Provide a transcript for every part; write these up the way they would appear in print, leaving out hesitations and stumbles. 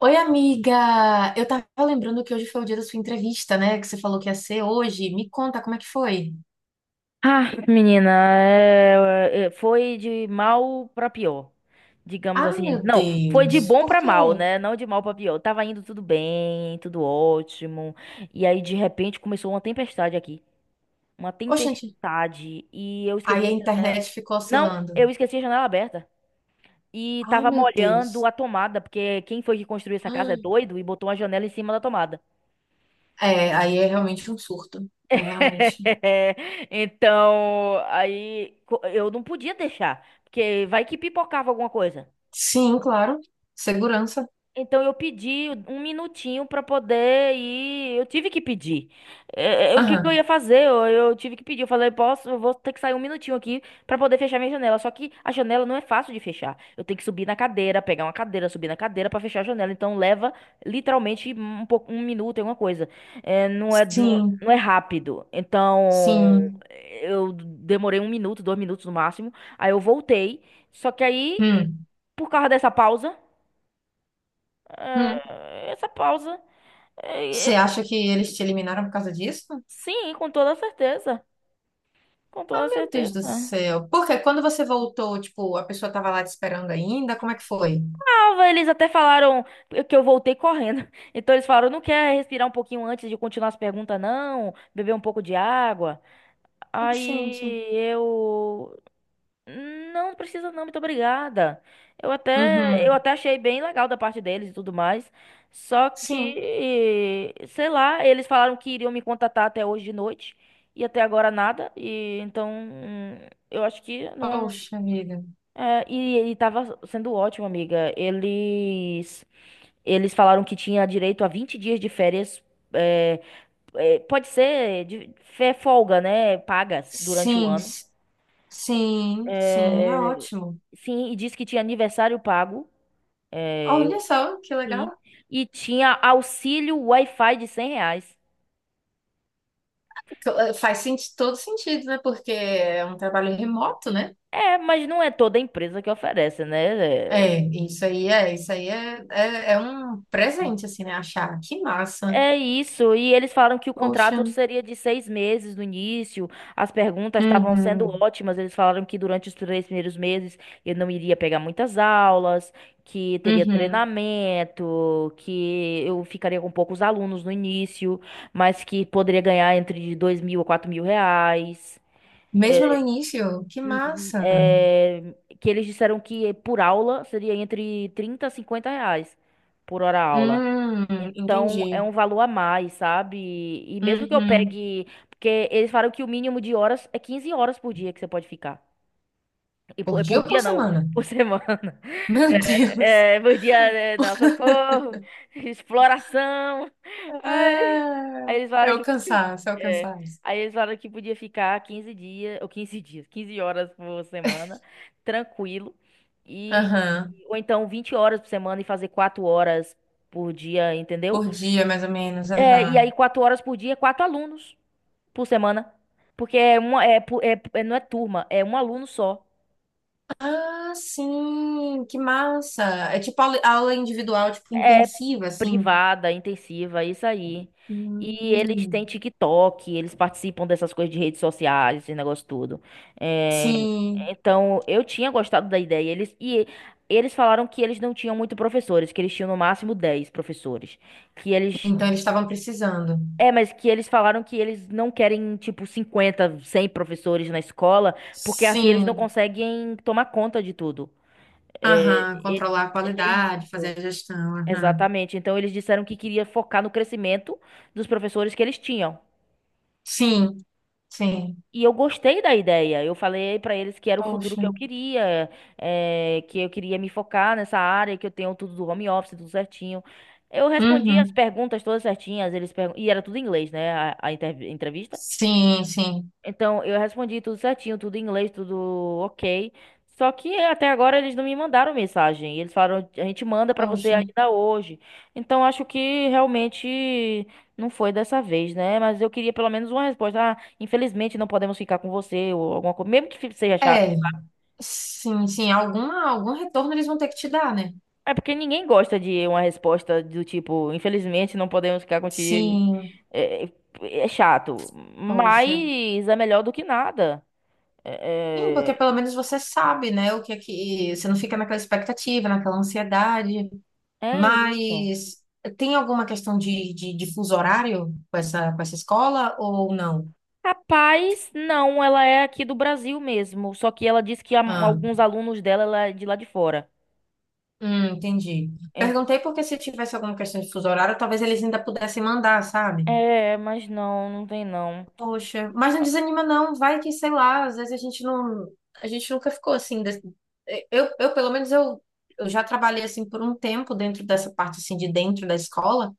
Oi, amiga! Eu tava lembrando que hoje foi o dia da sua entrevista, né? Que você falou que ia ser hoje. Me conta como é que foi. Ah, menina, foi de mal pra pior, digamos Ah, assim. meu Não, foi de Deus! bom Por pra mal, quê? né? Não de mal pra pior. Tava indo tudo bem, tudo ótimo. E aí, de repente, começou uma tempestade aqui. Uma Oxente! tempestade. E eu Aí esqueci a a janela. internet ficou Não, oscilando. eu esqueci a janela aberta. E Ah, tava meu molhando Deus! a tomada, porque quem foi que construiu essa casa Ah, é doido e botou uma janela em cima da tomada. é, aí é realmente um surto. É realmente. Então, eu não podia deixar, porque vai que pipocava alguma coisa. Sim, claro. Segurança. Então eu pedi um minutinho para poder ir. Eu tive que pedir. O que que eu Aham. ia fazer? Eu tive que pedir. Eu falei, posso, eu vou ter que sair um minutinho aqui para poder fechar minha janela. Só que a janela não é fácil de fechar. Eu tenho que subir na cadeira, pegar uma cadeira, subir na cadeira para fechar a janela. Então leva literalmente um pouco, um minuto, alguma coisa. Não é, não, Sim, não é rápido. Então sim. eu demorei um minuto, dois minutos no máximo. Aí eu voltei. Só que aí, Hum. por causa dessa pausa Hum. é, essa pausa. Você É, é, acha que eles te eliminaram por causa disso? sim, com toda certeza. Com toda Meu Deus do certeza. céu. Porque quando você voltou, tipo, a pessoa tava lá te esperando ainda, como é que foi? Tava, eles até falaram que eu voltei correndo. Então eles falaram: não quer respirar um pouquinho antes de continuar as perguntas, não? Beber um pouco de água. Gente. Aí eu. Não precisa não, muito obrigada. Eu até, eu Uhum. até achei bem legal da parte deles e tudo mais. Só Sim. que, sei lá, eles falaram que iriam me contatar até hoje de noite e até agora nada. E então, eu acho que não. Poxa vida. E ele tava sendo ótimo, amiga. Eles falaram que tinha direito a 20 dias de férias. é, Pode ser de, folga, né? Pagas durante o Sim, ano. s- sim, sim, é É, ótimo. sim, e disse que tinha aniversário pago. é, Olha só, que Sim. legal. E tinha auxílio Wi-Fi de 100 reais. Faz todo sentido, né? Porque é um trabalho remoto, né? É, mas não é toda empresa que oferece, né? É, isso aí é, é, é um presente, assim, né? Achar, que massa. É isso, e eles falaram que o Poxa. contrato seria de 6 meses no início. As perguntas estavam sendo Uhum, ótimas. Eles falaram que durante os três primeiros meses eu não iria pegar muitas aulas, que teria uhum. treinamento, que eu ficaria com poucos alunos no início, mas que poderia ganhar entre 2.000 a 4.000 reais. Mesmo no início, que Hum, hum, massa. é, que eles disseram que por aula seria entre 30 a 50 reais por hora aula. Hum, Então, é um entendi. valor a mais, sabe? E mesmo que eu Uhum. pegue. Porque eles falaram que o mínimo de horas é 15 horas por dia que você pode ficar. Por É dia por ou por dia não, semana? por semana. Meu Deus. Por dia, é, não, socorro, exploração. Ai, aí eles É, é falaram o que. cansaço, é o é, cansaço. aí eles falaram que podia ficar 15 dias, ou 15 dias, 15 horas por semana, tranquilo. E, Aham. ou então 20 horas por semana e fazer 4 horas por dia, entendeu? Por dia, mais ou menos, E aham. aí, quatro horas por dia, quatro alunos por semana. Porque é uma, é, pu- é- é- não é turma, é um aluno só. Ah, sim, que massa. É tipo aula individual, tipo, É intensiva, assim. privada, intensiva, é isso aí. E eles têm Hum, TikTok, eles participam dessas coisas de redes sociais, esse negócio todo. É, Sim, então, eu tinha gostado da ideia. Eles falaram que eles não tinham muito professores, que eles tinham no máximo 10 professores. Que eles então eles estavam precisando. É, mas que eles falaram que eles não querem, tipo, 50, 100 professores na escola, porque assim eles não Sim, conseguem tomar conta de tudo. É, aham, é, controlar a É qualidade, fazer isso. a gestão, aham. Exatamente. Então eles disseram que queria focar no crescimento dos professores que eles tinham. Sim, sim. E eu gostei da ideia. Eu falei pra eles que era o futuro que Poxa. eu queria, que eu queria me focar nessa área, que eu tenho tudo do home office, tudo certinho. Eu respondi as Uhum. perguntas todas certinhas, e era tudo em inglês, né? A entrevista. Sim, sim. Então, eu respondi tudo certinho, tudo em inglês, tudo ok. Só que até agora eles não me mandaram mensagem. Eles falaram, a gente manda pra você Poxa. ainda hoje. Então, acho que realmente não foi dessa vez, né? Mas eu queria pelo menos uma resposta. Ah, infelizmente não podemos ficar com você ou alguma coisa, mesmo que seja chato. É, sim, sim, algum retorno eles vão ter que te dar, né? É porque ninguém gosta de uma resposta do tipo, infelizmente não podemos ficar contigo. Sim, É, é chato, poxa. mas é melhor do que nada. Sim, É, porque é pelo menos você sabe, né, o que é que você não fica naquela expectativa, naquela ansiedade. é isso. Mas tem alguma questão de, de fuso horário com essa escola ou não? Rapaz, não, ela é aqui do Brasil mesmo. Só que ela disse que Ah, alguns alunos dela ela é de lá de fora. Entendi. É, Perguntei porque se tivesse alguma questão de fuso horário, talvez eles ainda pudessem mandar, sabe? Mas não, não tem não. Poxa, mas não desanima não, vai que, sei lá, às vezes a gente não, a gente nunca ficou assim, eu, eu já trabalhei assim por um tempo dentro dessa parte assim de dentro da escola,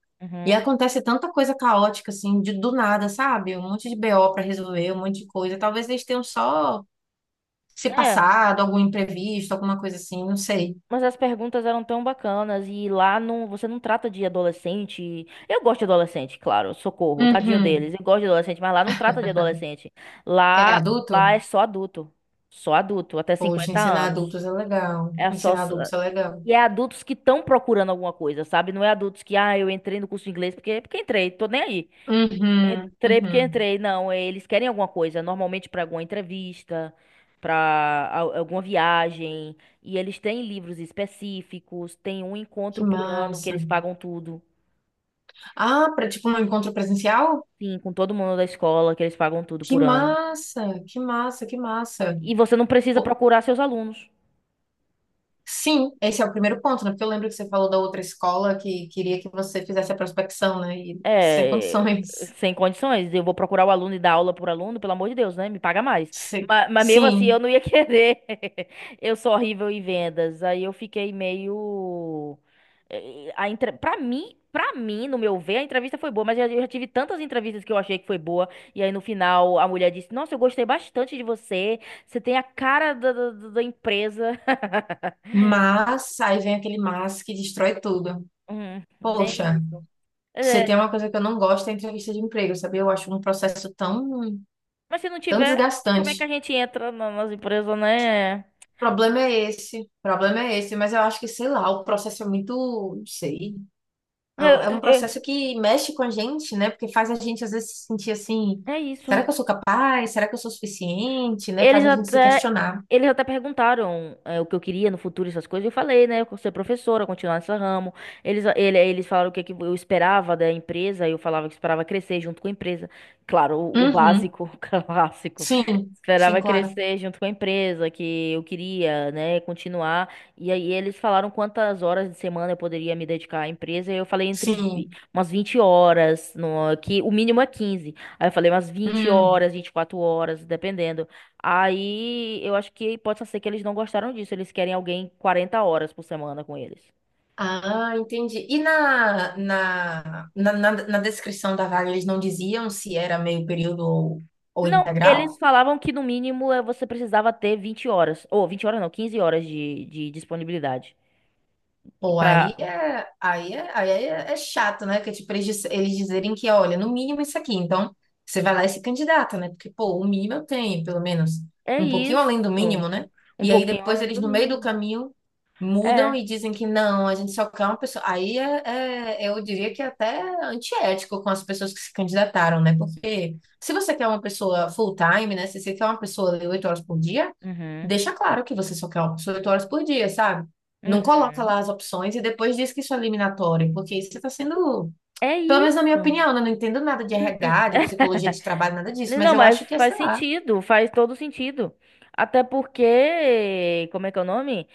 e Uhum. acontece tanta coisa caótica assim, de do nada, sabe? Um monte de BO para resolver, um monte de coisa, talvez eles tenham só se É, passado, algum imprevisto, alguma coisa assim, não sei. mas as perguntas eram tão bacanas e lá não, você não trata de adolescente. Eu gosto de adolescente, claro, socorro, tadinho Uhum. deles. Eu gosto de adolescente, mas lá não trata de adolescente. É Lá, adulto? lá é só adulto. Só adulto, até Poxa, 50 ensinar anos. adultos é legal, É só ensinar adultos é legal. E é adultos que estão procurando alguma coisa, sabe? Não é adultos que, ah, eu entrei no curso de inglês porque, entrei, tô nem aí. Uhum, Entrei porque uhum. entrei. Não, eles querem alguma coisa, normalmente para alguma entrevista, para alguma viagem. E eles têm livros específicos, tem um Que encontro por ano que massa. eles pagam tudo. Ah, para tipo um encontro presencial? Sim, com todo mundo da escola, que eles pagam tudo Que por ano. massa, que massa, que massa. E você não precisa Pô, procurar seus alunos. sim, esse é o primeiro ponto, né? Porque eu lembro que você falou da outra escola que queria que você fizesse a prospecção, né? E sem É, condições. sem condições. Eu vou procurar o aluno e dar aula por aluno, pelo amor de Deus, né? Me paga mais. Se- Mas mesmo assim, eu Sim, não ia querer. Eu sou horrível em vendas. Aí eu fiquei meio. Pra mim, no meu ver, a entrevista foi boa, mas eu já tive tantas entrevistas que eu achei que foi boa. E aí no final a mulher disse: Nossa, eu gostei bastante de você. Você tem a cara da empresa. mas aí vem aquele mas que destrói tudo. Bem Poxa, isso. você É, tem uma coisa que eu não gosto é entrevista de emprego, sabe? Eu acho um processo tão, mas se não tão tiver, como é que a desgastante. gente entra nas empresas, né? O problema é esse, o problema é esse, mas eu acho que, sei lá, o processo é muito, não sei. Eu, É um eu- processo que mexe com a gente, né? Porque faz a gente às vezes se sentir assim, É isso. será que eu sou capaz? Será que eu sou suficiente? Né? Eles Faz a gente se até, questionar. eles até perguntaram o que eu queria no futuro, essas coisas. Eu falei, né? Eu quero ser professora, continuar nesse ramo. Eles falaram o que, que eu esperava da empresa. Eu falava que esperava crescer junto com a empresa. Claro, o Uhum. básico, o clássico. Sim, sim, Esperava claro. crescer junto com a empresa, que eu queria, né, continuar. E aí eles falaram quantas horas de semana eu poderia me dedicar à empresa. E eu falei entre Sim. umas 20 horas, no, que o mínimo é quinze. Aí eu falei umas vinte Hum. horas, 24 horas, dependendo. Aí eu acho que pode ser que eles não gostaram disso. Eles querem alguém 40 horas por semana com eles. Ah, entendi. E na descrição da vaga, eles não diziam se era meio período ou Não, eles integral? falavam que no mínimo você precisava ter 20 horas. Ou 20 horas não, 15 horas de disponibilidade. Pô, Pra... aí é, é chato, né? Que tipo, eles dizerem que, olha, no mínimo isso aqui. Então, você vai lá e se candidata, né? Porque, pô, o mínimo eu tenho, pelo menos. É Um pouquinho isso. além do mínimo, né? Um E aí pouquinho depois além eles, do no meio do mínimo. caminho, mudam É. e dizem que não, a gente só quer uma pessoa. Aí eu diria que é até antiético com as pessoas que se candidataram, né? Porque se você quer uma pessoa full-time, né? Se você quer uma pessoa de 8 horas por dia, Uhum. deixa claro que você só quer uma pessoa 8 horas por dia, sabe? Não coloca Uhum. lá as opções e depois diz que isso é eliminatório, porque isso está sendo, É pelo menos na minha isso. opinião, né? Eu não entendo nada de N- n- RH, de psicologia de trabalho, nada disso, mas Não, eu mas acho que é, faz sei lá. sentido, faz todo sentido. Até porque, como é que é o nome?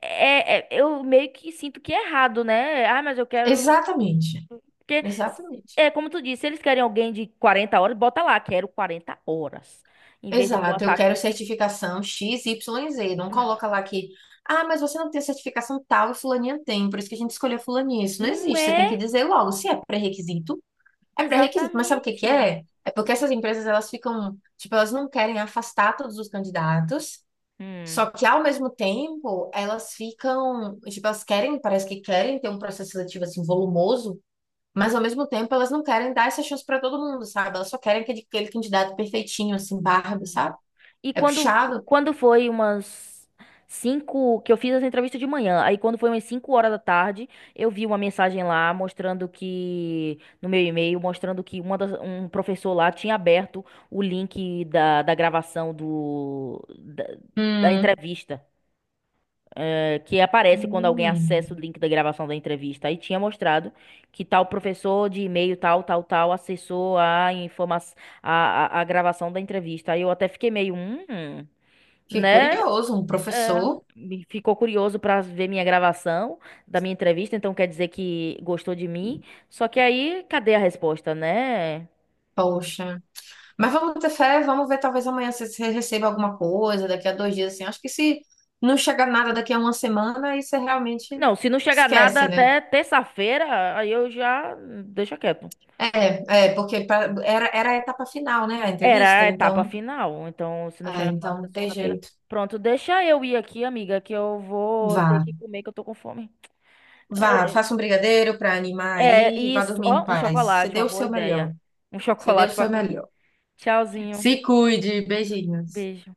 Eu meio que sinto que é errado, né? Ah, mas eu quero. Exatamente. Porque, Exatamente. é como tu disse, se eles querem alguém de 40 horas, bota lá, quero 40 horas. Em vez de Exato. Eu botar. quero certificação X, Y, Z. Não Hum, coloca lá que, ah, mas você não tem certificação tal e fulaninha tem, por isso que a gente escolheu fulaninha. Isso não Não existe. Você tem que é dizer logo se é pré-requisito. É pré-requisito, mas sabe o que que exatamente. é? É porque essas empresas, elas ficam, tipo, elas não querem afastar todos os candidatos. Hum. Só que ao mesmo tempo, elas ficam, tipo, elas querem, parece que querem ter um processo seletivo assim volumoso, mas ao mesmo tempo elas não querem dar essa chance para todo mundo, sabe? Elas só querem aquele, aquele candidato perfeitinho, assim, Barbie, Hum. sabe? E É quando, puxado. quando foi umas cinco que eu fiz essa entrevista de manhã, aí quando foi umas 5 horas da tarde, eu vi uma mensagem lá mostrando que, no meu e-mail, mostrando que um professor lá tinha aberto o link da gravação da Hum, entrevista, que aparece quando alguém hum. acessa o link da gravação da entrevista. Aí tinha mostrado que tal professor de e-mail, tal, tal, tal, acessou a informação, a gravação da entrevista. Aí eu até fiquei meio, Que né? curioso, um É, professor. me ficou curioso para ver minha gravação da minha entrevista, então quer dizer que gostou de mim. Só que aí, cadê a resposta, né? Poxa. Mas vamos ter fé, vamos ver, talvez amanhã você receba alguma coisa, daqui a 2 dias, assim. Acho que se não chegar nada daqui a uma semana, aí você realmente Não, se não chegar nada esquece, né? até terça-feira, aí eu já deixa quieto. É, é, porque era, era a etapa final, né, a Era entrevista, a então, etapa final, então se não é, chegar nada até então tem segunda-feira, jeito. pronto, deixa eu ir aqui, amiga, que eu vou ter Vá, que comer, que eu tô com fome. vá, faça um brigadeiro para animar É aí e vá isso, dormir em ó, um paz. Você chocolate, uma deu o boa seu ideia. melhor. Um Você deu o chocolate para seu comer. melhor. Tchauzinho, Se cuide, beijinhos. beijo.